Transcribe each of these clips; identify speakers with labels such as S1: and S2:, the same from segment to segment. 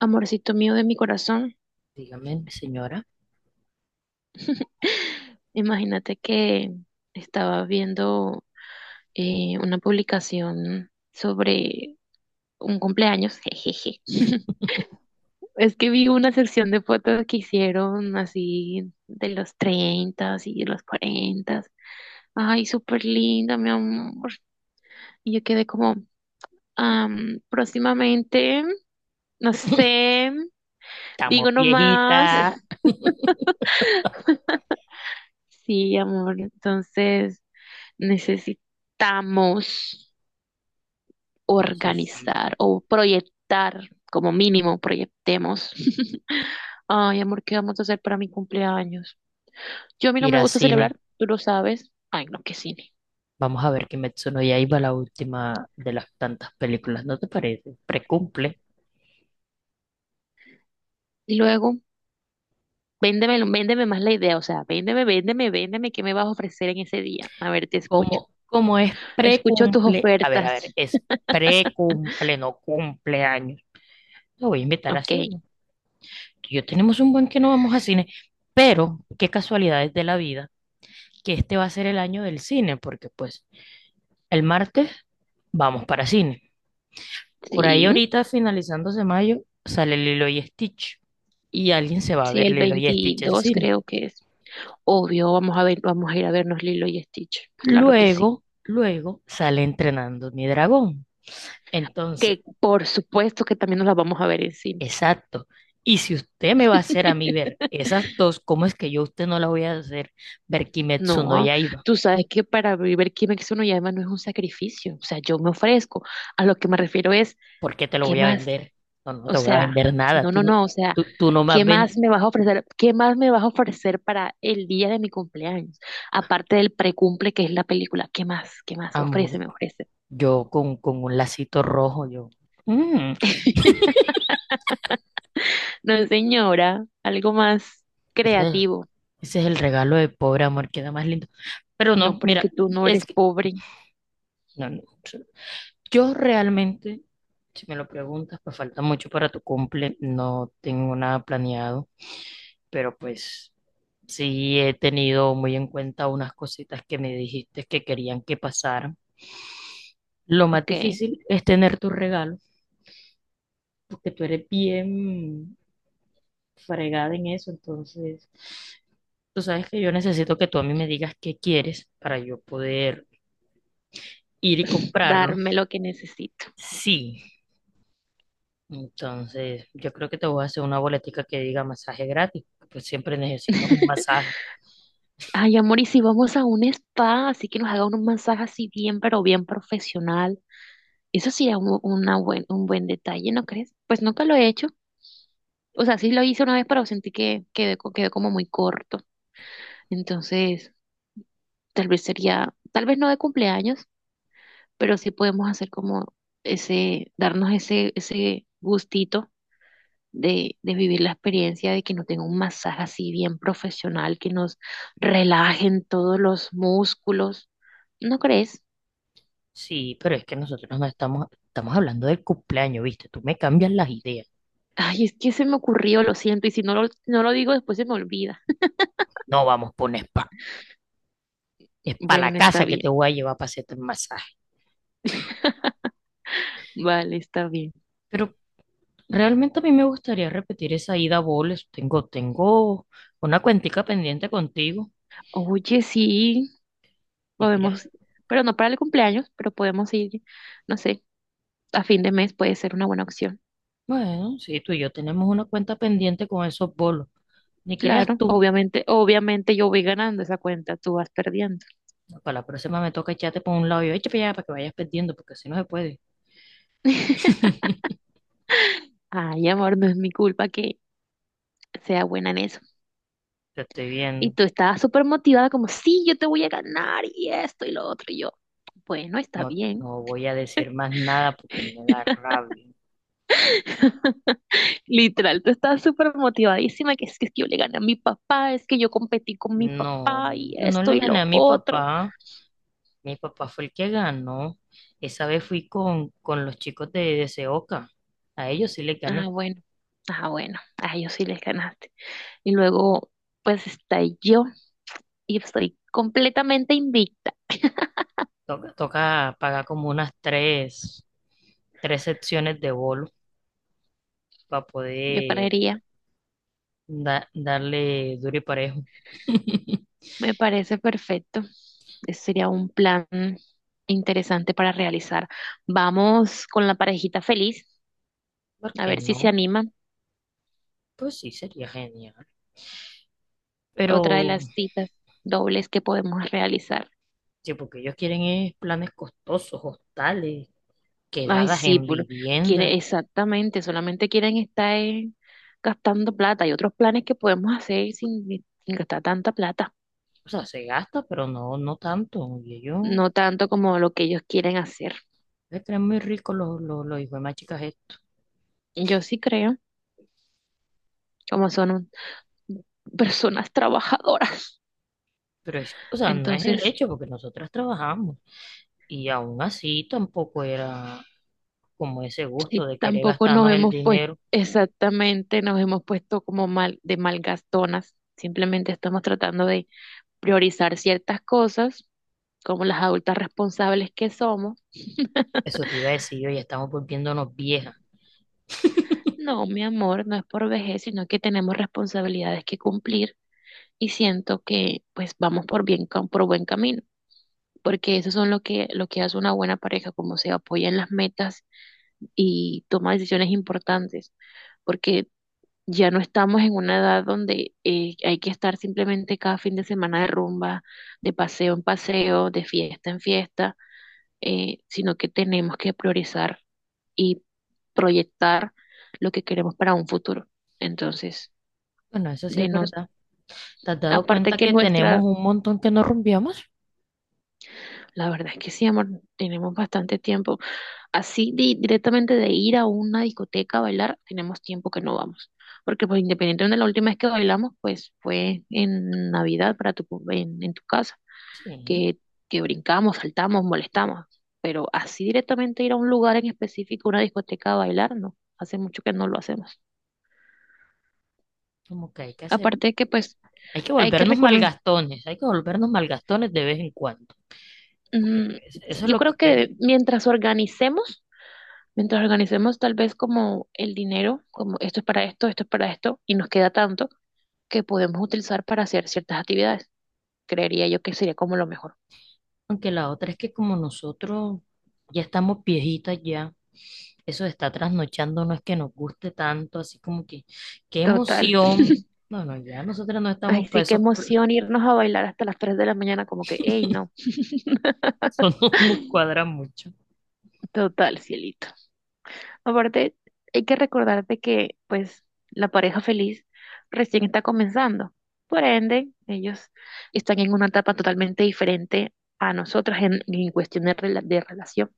S1: Amorcito mío de mi corazón,
S2: Dígame, señora.
S1: imagínate que estaba viendo una publicación sobre un cumpleaños, jejeje. Es que vi una sección de fotos que hicieron así de los 30 y de los 40. Ay, súper linda, mi amor. Y yo quedé como, próximamente, no sé.
S2: Estamos
S1: Digo nomás.
S2: viejitas,
S1: Sí, amor. Entonces necesitamos
S2: necesito
S1: organizar o proyectar, como mínimo, proyectemos. Ay, amor, ¿qué vamos a hacer para mi cumpleaños? Yo a mí no
S2: ir
S1: me
S2: al
S1: gusta
S2: cine.
S1: celebrar, tú lo sabes. Ay, no, qué cine.
S2: Vamos a ver Kimetsu no Yaiba, la última de las tantas películas, ¿no te parece? Precumple.
S1: Y luego, véndeme más la idea, o sea, véndeme qué me vas a ofrecer en ese día. A ver, te escucho.
S2: ¿Cómo es
S1: Escucho tus
S2: precumple. A ver,
S1: ofertas.
S2: es precumple, no cumpleaños. Lo voy a invitar a
S1: Ok,
S2: cine. Tú y yo tenemos un buen que no vamos a cine, pero qué casualidades de la vida que este va a ser el año del cine, porque pues el martes vamos para cine. Por ahí
S1: sí,
S2: ahorita, finalizándose mayo, sale Lilo y Stitch. Y alguien se va a
S1: sí,
S2: ver
S1: el
S2: Lilo y Stitch en
S1: 22
S2: cine.
S1: creo que es. Obvio, vamos a ir a vernos Lilo y Stitch. Claro que sí.
S2: Luego, luego sale entrenando mi dragón. Entonces,
S1: Que por supuesto que también nos las vamos a ver en cine.
S2: exacto. Y si usted me va a hacer a mí ver esas dos, ¿cómo es que yo a usted no la voy a hacer ver Kimetsu no
S1: No,
S2: Yaiba?
S1: tú sabes que para vivir Kimetsu no Yaiba no es un sacrificio. O sea, yo me ofrezco. A lo que me refiero es,
S2: ¿Por qué te lo
S1: ¿qué
S2: voy a
S1: más?
S2: vender? No, no
S1: O
S2: te voy a
S1: sea,
S2: vender nada.
S1: no,
S2: Tú
S1: no,
S2: no,
S1: no. O sea,
S2: tú no más
S1: ¿qué
S2: vendes.
S1: más me vas a ofrecer? ¿Qué más me vas a ofrecer para el día de mi cumpleaños? Aparte del precumple que es la película. ¿Qué más? ¿Qué más?
S2: Amor,
S1: Ofrece, me ofrece.
S2: yo con un lacito rojo, yo. mm,
S1: No, señora, algo más creativo.
S2: Ese es el regalo de pobre amor, queda más lindo. Pero
S1: No,
S2: no,
S1: pero es que
S2: mira,
S1: tú no
S2: es
S1: eres
S2: que,
S1: pobre.
S2: no, no. Yo realmente, si me lo preguntas, pues falta mucho para tu cumple, no tengo nada planeado, pero pues sí he tenido muy en cuenta unas cositas que me dijiste que querían que pasaran. Lo más
S1: Ok,
S2: difícil es tener tu regalo, porque tú eres bien fregada en eso, entonces tú sabes que yo necesito que tú a mí me digas qué quieres para yo poder ir y comprarlo.
S1: darme lo que necesito.
S2: Sí, entonces yo creo que te voy a hacer una boletica que diga masaje gratis, pues siempre necesitas un masaje.
S1: Ay, amor, y si vamos a un spa, así que nos haga un masaje así bien, pero bien profesional. Eso sí es un buen detalle, ¿no crees? Pues nunca lo he hecho. O sea, sí lo hice una vez, pero sentí que quedó como muy corto. Entonces, tal vez no de cumpleaños, pero sí podemos hacer como ese gustito de vivir la experiencia de que nos den un masaje así bien profesional, que nos relajen todos los músculos. ¿No crees?
S2: Sí, pero es que nosotros no estamos, estamos hablando del cumpleaños, ¿viste? Tú me cambias las ideas.
S1: Ay, es que se me ocurrió, lo siento, y si no lo digo después se me olvida.
S2: No vamos por un spa, es para la
S1: Bueno, está
S2: casa que te
S1: bien,
S2: voy a llevar para hacerte el masaje.
S1: vale, está bien.
S2: Pero realmente a mí me gustaría repetir esa ida a boles. Tengo una cuentica pendiente contigo.
S1: Oye, sí,
S2: Ni
S1: podemos,
S2: creas.
S1: pero no para el cumpleaños, pero podemos ir, no sé, a fin de mes puede ser una buena opción.
S2: Bueno, sí, tú y yo tenemos una cuenta pendiente con esos bolos. Ni creas
S1: Claro,
S2: tú.
S1: obviamente yo voy ganando esa cuenta, tú vas perdiendo.
S2: Para la próxima me toca echarte por un lado y yo, échate para allá para que vayas perdiendo, porque si no se puede.
S1: Ay, amor, no es mi culpa que sea buena en eso.
S2: Te estoy
S1: Y
S2: viendo.
S1: tú estabas súper motivada como, sí, yo te voy a ganar y esto y lo otro. Y yo, bueno, está
S2: No,
S1: bien.
S2: no voy a decir más nada porque me da rabia.
S1: Literal, tú estabas súper motivadísima, que es que yo le gané a mi papá, es que yo competí con mi
S2: No,
S1: papá y
S2: yo no
S1: esto
S2: le
S1: y
S2: gané
S1: lo
S2: a mi
S1: otro.
S2: papá. Mi papá fue el que ganó. Esa vez fui con los chicos de Seoca. A ellos sí le
S1: Ah,
S2: gané.
S1: bueno, ah, bueno, a ellos sí les ganaste. Y luego, pues está yo y estoy completamente invicta,
S2: Toca, toca pagar como unas tres, tres secciones de bolo para
S1: yo
S2: poder
S1: creería.
S2: darle duro y parejo.
S1: Me parece perfecto. Ese sería un plan interesante para realizar. Vamos con la parejita feliz.
S2: ¿Por
S1: A
S2: qué
S1: ver si se
S2: no?
S1: animan.
S2: Pues sí, sería genial. Pero
S1: Otra de las citas dobles que podemos realizar.
S2: sí, porque ellos quieren es planes costosos, hostales,
S1: Ay,
S2: quedadas
S1: sí,
S2: en
S1: puro. Quiere,
S2: vivienda.
S1: exactamente. Solamente quieren estar gastando plata. Hay otros planes que podemos hacer sin gastar tanta plata.
S2: O sea, se gasta, pero no, no tanto. Y ellos
S1: No tanto como lo que ellos quieren hacer.
S2: se creen muy ricos los hijos de más chicas estos.
S1: Yo sí creo, como son un- personas trabajadoras.
S2: Pero es, o sea, no es el
S1: Entonces,
S2: hecho, porque nosotras trabajamos. Y aún así tampoco era como ese
S1: sí,
S2: gusto de querer
S1: tampoco nos
S2: gastarnos el
S1: hemos puesto,
S2: dinero.
S1: exactamente, nos hemos puesto como mal, de malgastonas. Simplemente estamos tratando de priorizar ciertas cosas como las adultas responsables que somos.
S2: Eso te iba a decir yo, ya estamos volviéndonos viejas.
S1: No, mi amor, no es por vejez, sino que tenemos responsabilidades que cumplir y siento que pues vamos por bien, cam- por buen camino, porque eso son lo que hace una buena pareja, como se apoya en las metas y toma decisiones importantes, porque ya no estamos en una edad donde hay que estar simplemente cada fin de semana de rumba, de paseo en paseo, de fiesta en fiesta sino que tenemos que priorizar y proyectar lo que queremos para un futuro. Entonces,
S2: Bueno, eso sí
S1: de
S2: es
S1: nos,
S2: verdad. ¿Te has dado
S1: aparte
S2: cuenta
S1: que
S2: que tenemos
S1: nuestra,
S2: un montón que no rumbiamos?
S1: la verdad es que sí, amor, tenemos bastante tiempo. Así di- directamente de ir a una discoteca a bailar, tenemos tiempo que no vamos. Porque pues independientemente de la última vez que bailamos, pues fue en Navidad para tu, en tu casa.
S2: Sí,
S1: que, que brincamos, saltamos, molestamos, pero así directamente ir a un lugar en específico, una discoteca a bailar, no, hace mucho que no lo hacemos.
S2: como que hay que hacer.
S1: Aparte de que pues
S2: Hay que
S1: hay que
S2: volvernos
S1: reconocer,
S2: malgastones, hay que volvernos malgastones de vez en cuando, porque pues eso es
S1: yo
S2: lo
S1: creo
S2: que queda.
S1: que mientras organicemos tal vez como el dinero, como esto es para esto, esto es para esto, y nos queda tanto que podemos utilizar para hacer ciertas actividades, creería yo que sería como lo mejor.
S2: Aunque la otra es que como nosotros ya estamos viejitas ya, eso de estar trasnochando no es que nos guste tanto, así como que, qué
S1: Total.
S2: emoción. No, no, ya nosotros no
S1: Ay,
S2: estamos para
S1: sí, qué
S2: esos, pl-
S1: emoción irnos a bailar hasta las 3 de la mañana, como que, hey, no.
S2: eso no nos cuadra mucho.
S1: Total, cielito. Aparte, hay que recordarte que, pues, la pareja feliz recién está comenzando. Por ende, ellos están en una etapa totalmente diferente a nosotras en cuestión de, rela- de relación.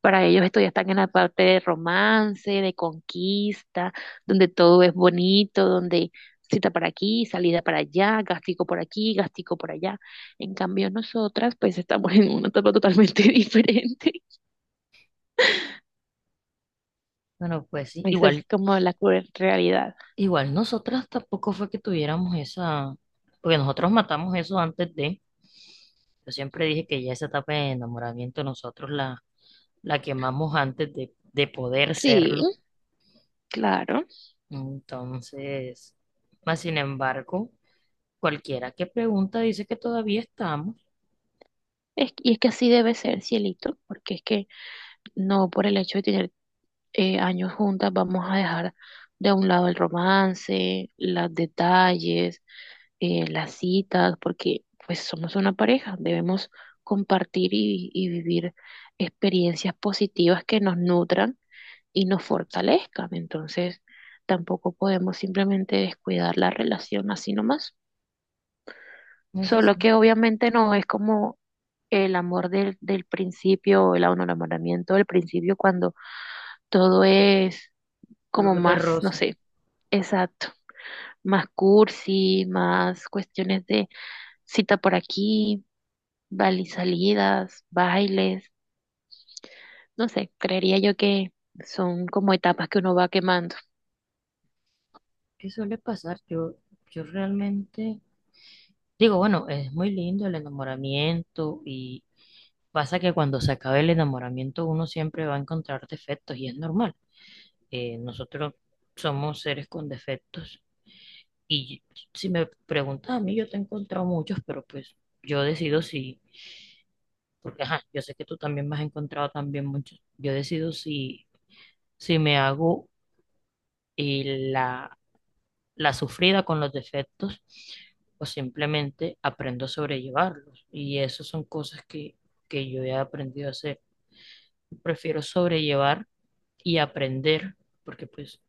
S1: Para ellos, esto ya están en la parte de romance, de conquista, donde todo es bonito, donde cita para aquí, salida para allá, gastico por aquí, gastico por allá. En cambio, nosotras, pues, estamos en una etapa totalmente diferente.
S2: Bueno, pues sí,
S1: Esa es
S2: igual,
S1: como la cruel realidad.
S2: igual nosotras tampoco fue que tuviéramos esa, porque nosotros matamos eso antes de... Yo siempre dije que ya esa etapa de enamoramiento nosotros la quemamos antes de poder
S1: Sí.
S2: serlo.
S1: Claro,
S2: Entonces, más sin embargo, cualquiera que pregunta dice que todavía estamos.
S1: es- y es que así debe ser, cielito, porque es que no por el hecho de tener años juntas vamos a dejar de un lado el romance, los detalles, las citas, porque pues somos una pareja, debemos compartir y vivir experiencias positivas que nos nutran y nos fortalezcan. Entonces, tampoco podemos simplemente descuidar la relación así nomás.
S2: Eso
S1: Solo
S2: sí,
S1: que obviamente no es como el amor del principio, o el enamoramiento del principio, cuando todo es como
S2: color de
S1: más, no
S2: rosa.
S1: sé, exacto, más cursi, más cuestiones de cita por aquí, bal- y salidas, bailes, no sé, creería yo que son como etapas que uno va quemando.
S2: ¿Qué suele pasar? Yo realmente digo, bueno, es muy lindo el enamoramiento y pasa que cuando se acabe el enamoramiento uno siempre va a encontrar defectos y es normal. Nosotros somos seres con defectos y si me preguntas a mí, yo te he encontrado muchos, pero pues yo decido si. Porque, ajá, yo sé que tú también me has encontrado también muchos. Yo decido si, si me hago eh, la, la sufrida con los defectos o simplemente aprendo a sobrellevarlos. Y eso son cosas que yo he aprendido a hacer. Prefiero sobrellevar y aprender, porque pues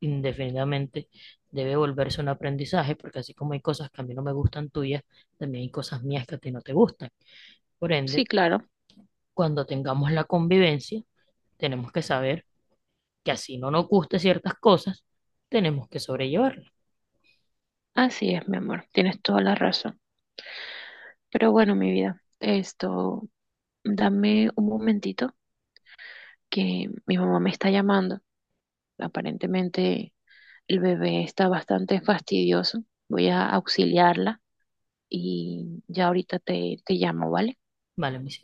S2: indefinidamente debe volverse un aprendizaje, porque así como hay cosas que a mí no me gustan tuyas, también hay cosas mías que a ti no te gustan. Por
S1: Sí,
S2: ende,
S1: claro,
S2: cuando tengamos la convivencia, tenemos que saber que así no nos guste ciertas cosas, tenemos que sobrellevarlas.
S1: así es, mi amor, tienes toda la razón. Pero bueno, mi vida, esto, dame un momentito que mi mamá me está llamando. Aparentemente el bebé está bastante fastidioso. Voy a auxiliarla y ya ahorita te, te llamo, ¿vale?
S2: Vale, mis